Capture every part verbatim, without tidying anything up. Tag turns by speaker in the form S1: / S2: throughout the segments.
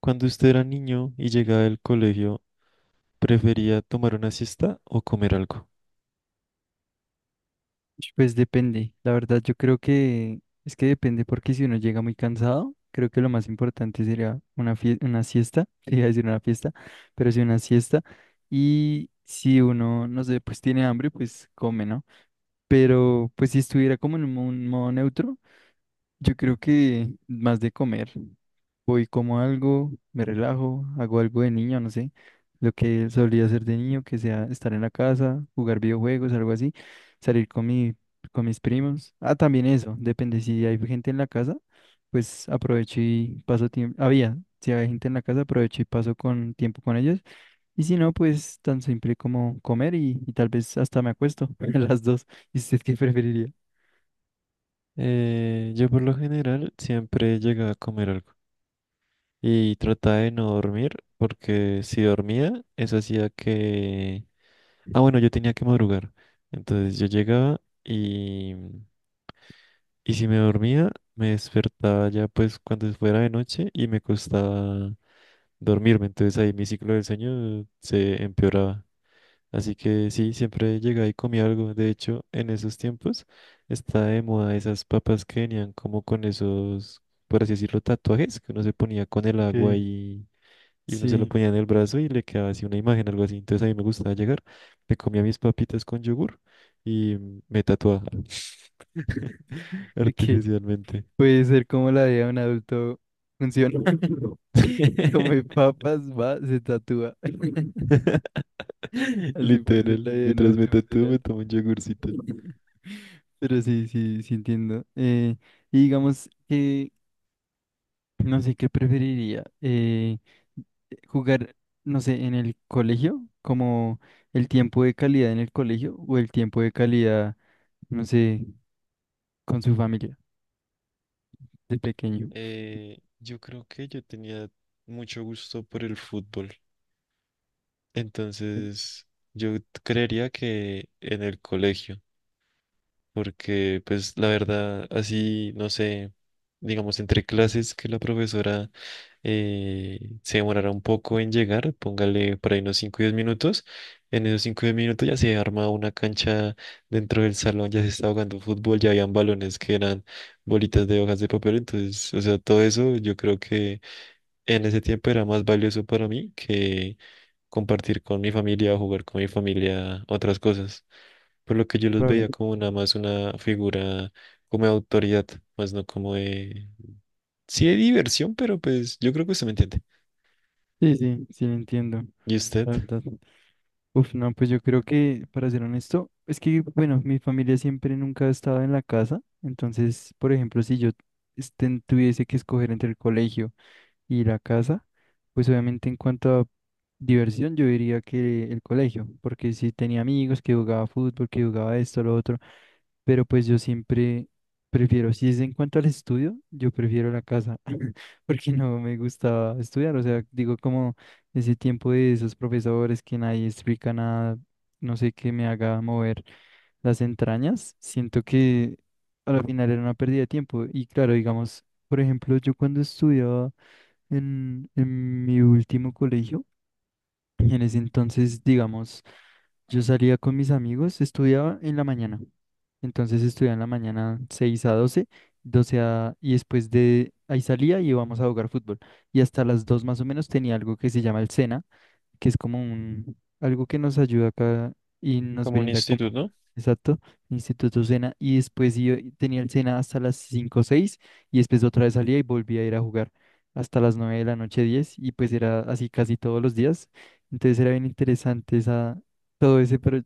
S1: Cuando usted era niño y llegaba del colegio, ¿prefería tomar una siesta o comer algo?
S2: Pues depende, la verdad yo creo que es que depende porque si uno llega muy cansado, creo que lo más importante sería una fie- una siesta, iba a decir una fiesta, pero sí una siesta. Y si uno, no sé, pues tiene hambre, pues come, ¿no? Pero pues si estuviera como en un mo- un modo neutro, yo creo que más de comer. Voy como algo, me relajo, hago algo de niño, no sé, lo que solía hacer de niño, que sea estar en la casa, jugar videojuegos, algo así, salir con mi, con mis primos. Ah, también eso, depende si hay gente en la casa, pues aprovecho y paso tiempo. Había, si hay gente en la casa, aprovecho y paso con tiempo con ellos. Y si no, pues tan simple como comer y, y tal vez hasta me acuesto, a las dos. ¿Y usted qué preferiría?
S1: Eh, yo por lo general siempre llegaba a comer algo y trataba de no dormir porque si dormía, eso hacía que... Ah, bueno, yo tenía que madrugar. Entonces yo llegaba y, y si me dormía, me despertaba ya pues cuando fuera de noche y me costaba dormirme. Entonces ahí mi ciclo del sueño se empeoraba. Así que sí, siempre llegaba y comía algo. De hecho, en esos tiempos está de moda esas papas que venían como con esos, por así decirlo, tatuajes que uno se ponía con el agua
S2: Ok,
S1: y, y uno se lo
S2: sí.
S1: ponía en el brazo y le quedaba así una imagen, algo así. Entonces a mí me gustaba llegar, me comía mis papitas con yogur y me tatuaba
S2: Ok.
S1: artificialmente.
S2: Puede ser como la vida de un adulto funciona. Come papas, va, se tatúa. Así puede ser la
S1: Literal,
S2: vida de un
S1: mientras me
S2: adulto
S1: tatúo
S2: funcional.
S1: me tomo un yogurcito.
S2: Pero sí, sí, sí entiendo. Eh, y digamos que no sé qué preferiría. eh, jugar, no sé, en el colegio, como el tiempo de calidad en el colegio o el tiempo de calidad, no sé, con su familia de pequeño.
S1: Eh, yo creo que yo tenía mucho gusto por el fútbol. Entonces, yo creería que en el colegio, porque pues la verdad, así, no sé, digamos, entre clases que la profesora eh, se demorara un poco en llegar, póngale por ahí unos cinco o diez minutos, en esos cinco o diez minutos ya se arma una cancha dentro del salón, ya se estaba jugando fútbol, ya habían balones que eran bolitas de hojas de papel, entonces, o sea, todo eso yo creo que en ese tiempo era más valioso para mí que compartir con mi familia o jugar con mi familia otras cosas, por lo que yo los
S2: Claro.
S1: veía como nada más una figura como de autoridad, más no como de... Sí de diversión, pero pues yo creo que usted me entiende.
S2: Sí, sí, sí, lo entiendo,
S1: ¿Y usted?
S2: la verdad. Uf, no, pues yo creo que, para ser honesto, es que, bueno, mi familia siempre nunca ha estado en la casa, entonces, por ejemplo, si yo esten- tuviese que escoger entre el colegio y la casa, pues obviamente en cuanto a diversión, yo diría que el colegio, porque si tenía amigos que jugaba fútbol, que jugaba esto, lo otro, pero pues yo siempre prefiero, si es en cuanto al estudio, yo prefiero la casa, porque no me gustaba estudiar, o sea, digo como ese tiempo de esos profesores que nadie explica nada, no sé qué me haga mover las entrañas, siento que a la final era una pérdida de tiempo. Y claro, digamos, por ejemplo, yo cuando estudiaba en, en mi último colegio, en ese entonces, digamos, yo salía con mis amigos, estudiaba en la mañana. Entonces estudiaba en la mañana seis a doce, doce a... y después de ahí salía y íbamos a jugar fútbol. Y hasta las dos más o menos tenía algo que se llama el SENA, que es como un algo que nos ayuda acá y nos
S1: Como un
S2: brinda como,
S1: instituto.
S2: exacto, Instituto Sena. Y después yo tenía el Sena hasta las cinco o seis y después otra vez salía y volvía a ir a jugar hasta las nueve de la noche, diez y pues era así casi todos los días, entonces era bien interesante esa, todo ese, pero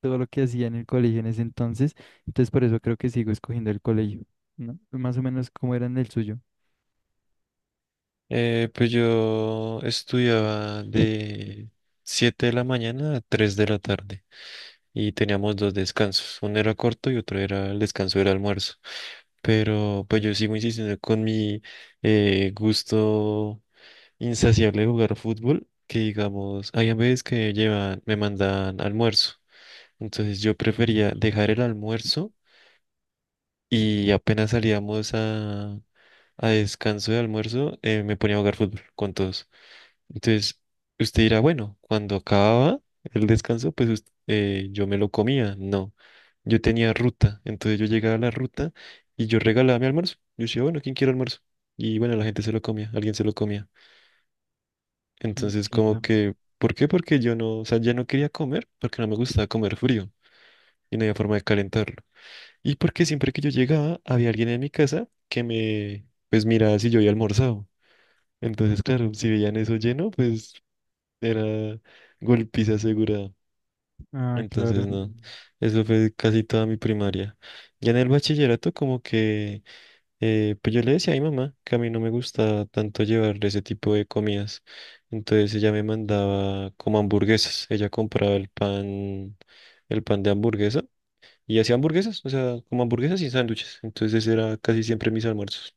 S2: todo lo que hacía en el colegio en ese entonces. Entonces por eso creo que sigo escogiendo el colegio, ¿no? Más o menos como era en el suyo.
S1: eh, pues yo estudiaba de siete de la mañana a tres de la tarde. Y teníamos dos descansos. Uno era corto y otro era el descanso del almuerzo. Pero pues yo sigo insistiendo con mi eh, gusto insaciable de jugar fútbol, que digamos, hay veces que llevan, me mandan almuerzo. Entonces yo prefería dejar el almuerzo y apenas salíamos a, a descanso de almuerzo, eh, me ponía a jugar fútbol con todos. Entonces, usted dirá, bueno, cuando acababa el descanso, pues us- eh, yo me lo comía. No, yo tenía ruta, entonces yo llegaba a la ruta y yo regalaba mi almuerzo. Yo decía, bueno, ¿quién quiere almuerzo? Y bueno, la gente se lo comía, alguien se lo comía. Entonces, como
S2: Entiendo.
S1: que, ¿por qué? Porque yo no, o sea, ya no quería comer porque no me gustaba comer frío y no había forma de calentarlo. Y porque siempre que yo llegaba, había alguien en mi casa que me, pues miraba si yo había almorzado. Entonces, claro, si veían eso lleno, pues era golpiza asegurada.
S2: Ah, claro.
S1: Entonces, no, eso fue casi toda mi primaria. Ya en el bachillerato, como que, eh, pues yo le decía a mi mamá que a mí no me gustaba tanto llevarle ese tipo de comidas. Entonces ella me mandaba como hamburguesas. Ella compraba el pan, el pan de hamburguesa y hacía hamburguesas, o sea, como hamburguesas y sándwiches. Entonces ese era casi siempre mis almuerzos,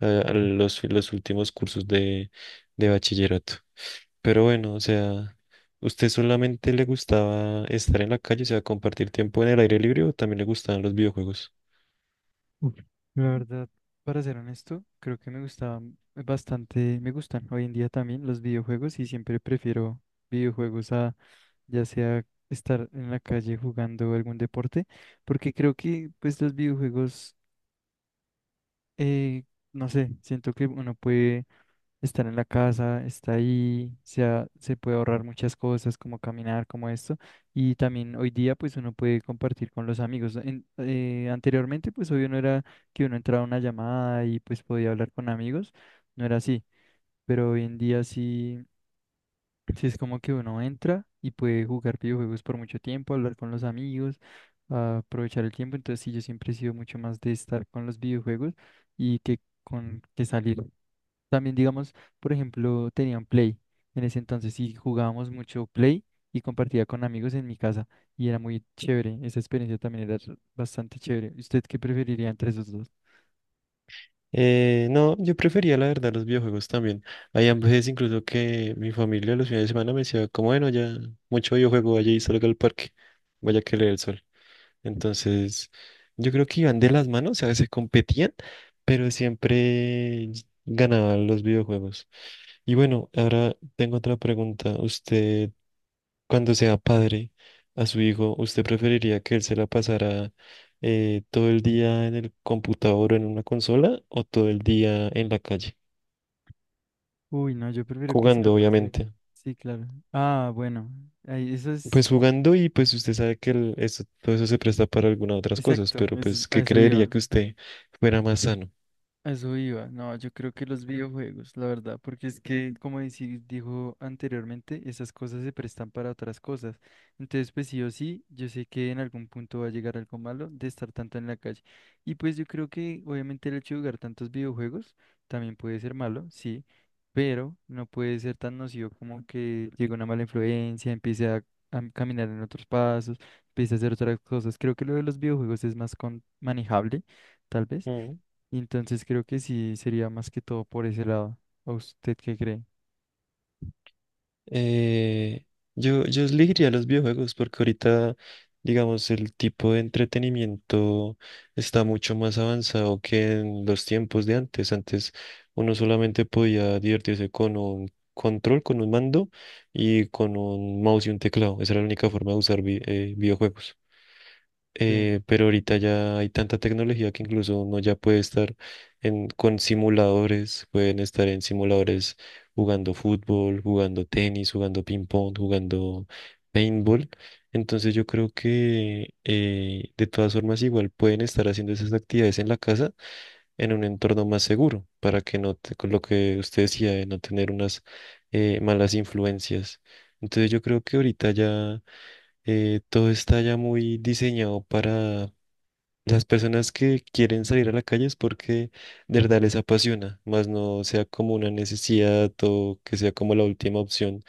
S1: eh, a
S2: Vale.
S1: los, los últimos cursos de, de bachillerato. Pero bueno, o sea, ¿usted solamente le gustaba estar en la calle, o sea, compartir tiempo en el aire libre o también le gustaban los videojuegos?
S2: Uf, la verdad, para ser honesto, creo que me gustaban bastante, me gustan hoy en día también los videojuegos y siempre prefiero videojuegos a ya sea estar en la calle jugando algún deporte, porque creo que pues los videojuegos, eh, no sé, siento que uno puede estar en la casa, está ahí, se, ha- se puede ahorrar muchas cosas como caminar, como esto, y también hoy día pues uno puede compartir con los amigos. En- eh, anteriormente pues obvio no era que uno entraba a una llamada y pues podía hablar con amigos, no era así, pero hoy en día sí, sí es como que uno entra y puede jugar videojuegos por mucho tiempo, hablar con los amigos, ah, aprovechar el tiempo, entonces sí, yo siempre he sido mucho más de estar con los videojuegos y que con que salir. También, digamos, por ejemplo, tenían Play en ese entonces y jugábamos mucho Play y compartía con amigos en mi casa y era muy chévere. Esa experiencia también era r- bastante chévere. ¿Usted qué preferiría entre esos dos?
S1: Eh, no, yo prefería la verdad los videojuegos también. Hay veces incluso que mi familia los fines de semana me decía, como bueno, ya mucho videojuego, vaya y salga al parque, vaya que le dé el sol. Entonces, yo creo que iban de las manos, a veces competían, pero siempre ganaban los videojuegos. Y bueno, ahora tengo otra pregunta. Usted, cuando sea padre a su hijo, ¿usted preferiría que él se la pasara eh, todo el día en el computador o en una consola o todo el día en la calle?
S2: Uy, no, yo prefiero que se la
S1: Jugando,
S2: pase.
S1: obviamente.
S2: Sí, claro. Ah, bueno, ahí, eso es
S1: Pues jugando y pues usted sabe que el- eso- todo eso se presta para algunas otras cosas,
S2: exacto,
S1: pero
S2: eso es-
S1: pues,
S2: a
S1: ¿qué
S2: eso
S1: creería
S2: iba.
S1: que usted fuera más sano?
S2: A eso iba, no, yo creo que los videojuegos, la verdad, porque es que, como deci- dijo anteriormente, esas cosas se prestan para otras cosas. Entonces, pues sí o sí, yo sé que en algún punto va a llegar algo malo de estar tanto en la calle. Y pues yo creo que, obviamente, el hecho de jugar tantos videojuegos también puede ser malo, sí, pero no puede ser tan nocivo como que llegue una mala influencia, empiece a, a caminar en otros pasos, empiece a hacer otras cosas. Creo que lo de los videojuegos es más con manejable, tal vez. Entonces creo que sí sería más que todo por ese lado. ¿A usted qué cree?
S1: Eh, yo, yo elegiría los videojuegos porque ahorita, digamos, el tipo de entretenimiento está mucho más avanzado que en los tiempos de antes. Antes uno solamente podía divertirse con un control, con un mando y con un mouse y un teclado. Esa era la única forma de usar vi- eh, videojuegos.
S2: Sí,
S1: Eh, pero ahorita ya hay tanta tecnología que incluso uno ya puede estar en, con simuladores, pueden estar en simuladores jugando fútbol, jugando tenis, jugando ping pong, jugando paintball. Entonces yo creo que eh, de todas formas igual pueden estar haciendo esas actividades en la casa en un entorno más seguro para que no, te- con lo que usted decía, de no tener unas eh, malas influencias. Entonces yo creo que ahorita ya eh, todo está ya muy diseñado para las personas que quieren salir a la calle es porque de verdad les apasiona, más no sea como una necesidad o que sea como la última opción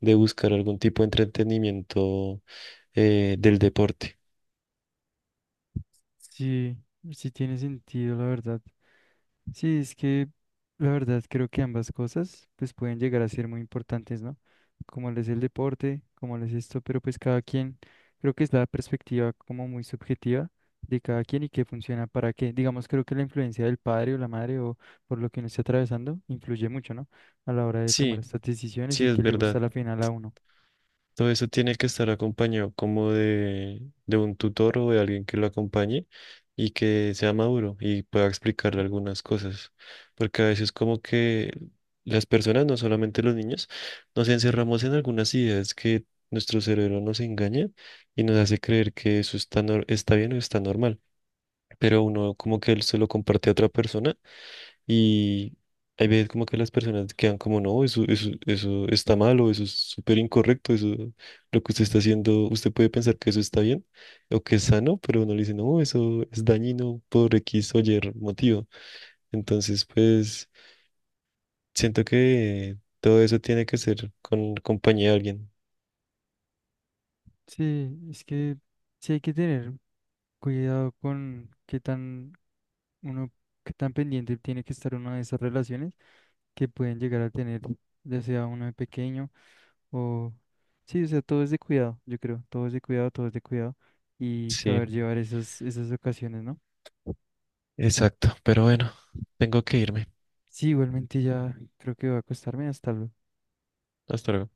S1: de buscar algún tipo de entretenimiento eh, del deporte.
S2: sí, sí tiene sentido, la verdad. Sí, es que la verdad creo que ambas cosas pues pueden llegar a ser muy importantes, ¿no? Como les el deporte, como les esto, pero pues cada quien, creo que es la perspectiva como muy subjetiva de cada quien y qué funciona para qué. Digamos, creo que la influencia del padre o la madre o por lo que uno esté atravesando influye mucho, ¿no? A la hora de tomar
S1: Sí,
S2: estas decisiones
S1: sí,
S2: y
S1: es
S2: qué le gusta
S1: verdad.
S2: a la final a uno.
S1: Todo eso tiene que estar acompañado como de, de un tutor o de alguien que lo acompañe y que sea maduro y pueda explicarle algunas cosas. Porque a veces como que las personas, no solamente los niños, nos encerramos en algunas ideas que nuestro cerebro nos engaña y nos hace creer que eso está, nor- está bien o está normal. Pero uno como que él se lo comparte a otra persona y hay veces como que las personas quedan como, no, eso, eso, eso está mal o eso es súper incorrecto, eso, lo que usted está haciendo, usted puede pensar que eso está bien o que es sano, pero uno le dice, no, eso es dañino por X o Y motivo. Entonces, pues, siento que todo eso tiene que ser con compañía de alguien.
S2: Sí, es que sí hay que tener cuidado con qué tan uno, que tan pendiente tiene que estar una de esas relaciones que pueden llegar a tener, ya sea uno de pequeño o... Sí, o sea, todo es de cuidado, yo creo, todo es de cuidado, todo es de cuidado y
S1: Sí,
S2: saber llevar esas, esas ocasiones, ¿no?
S1: exacto. Pero bueno, tengo que irme.
S2: Sí, igualmente ya creo que va a acostarme hasta luego.
S1: Hasta luego.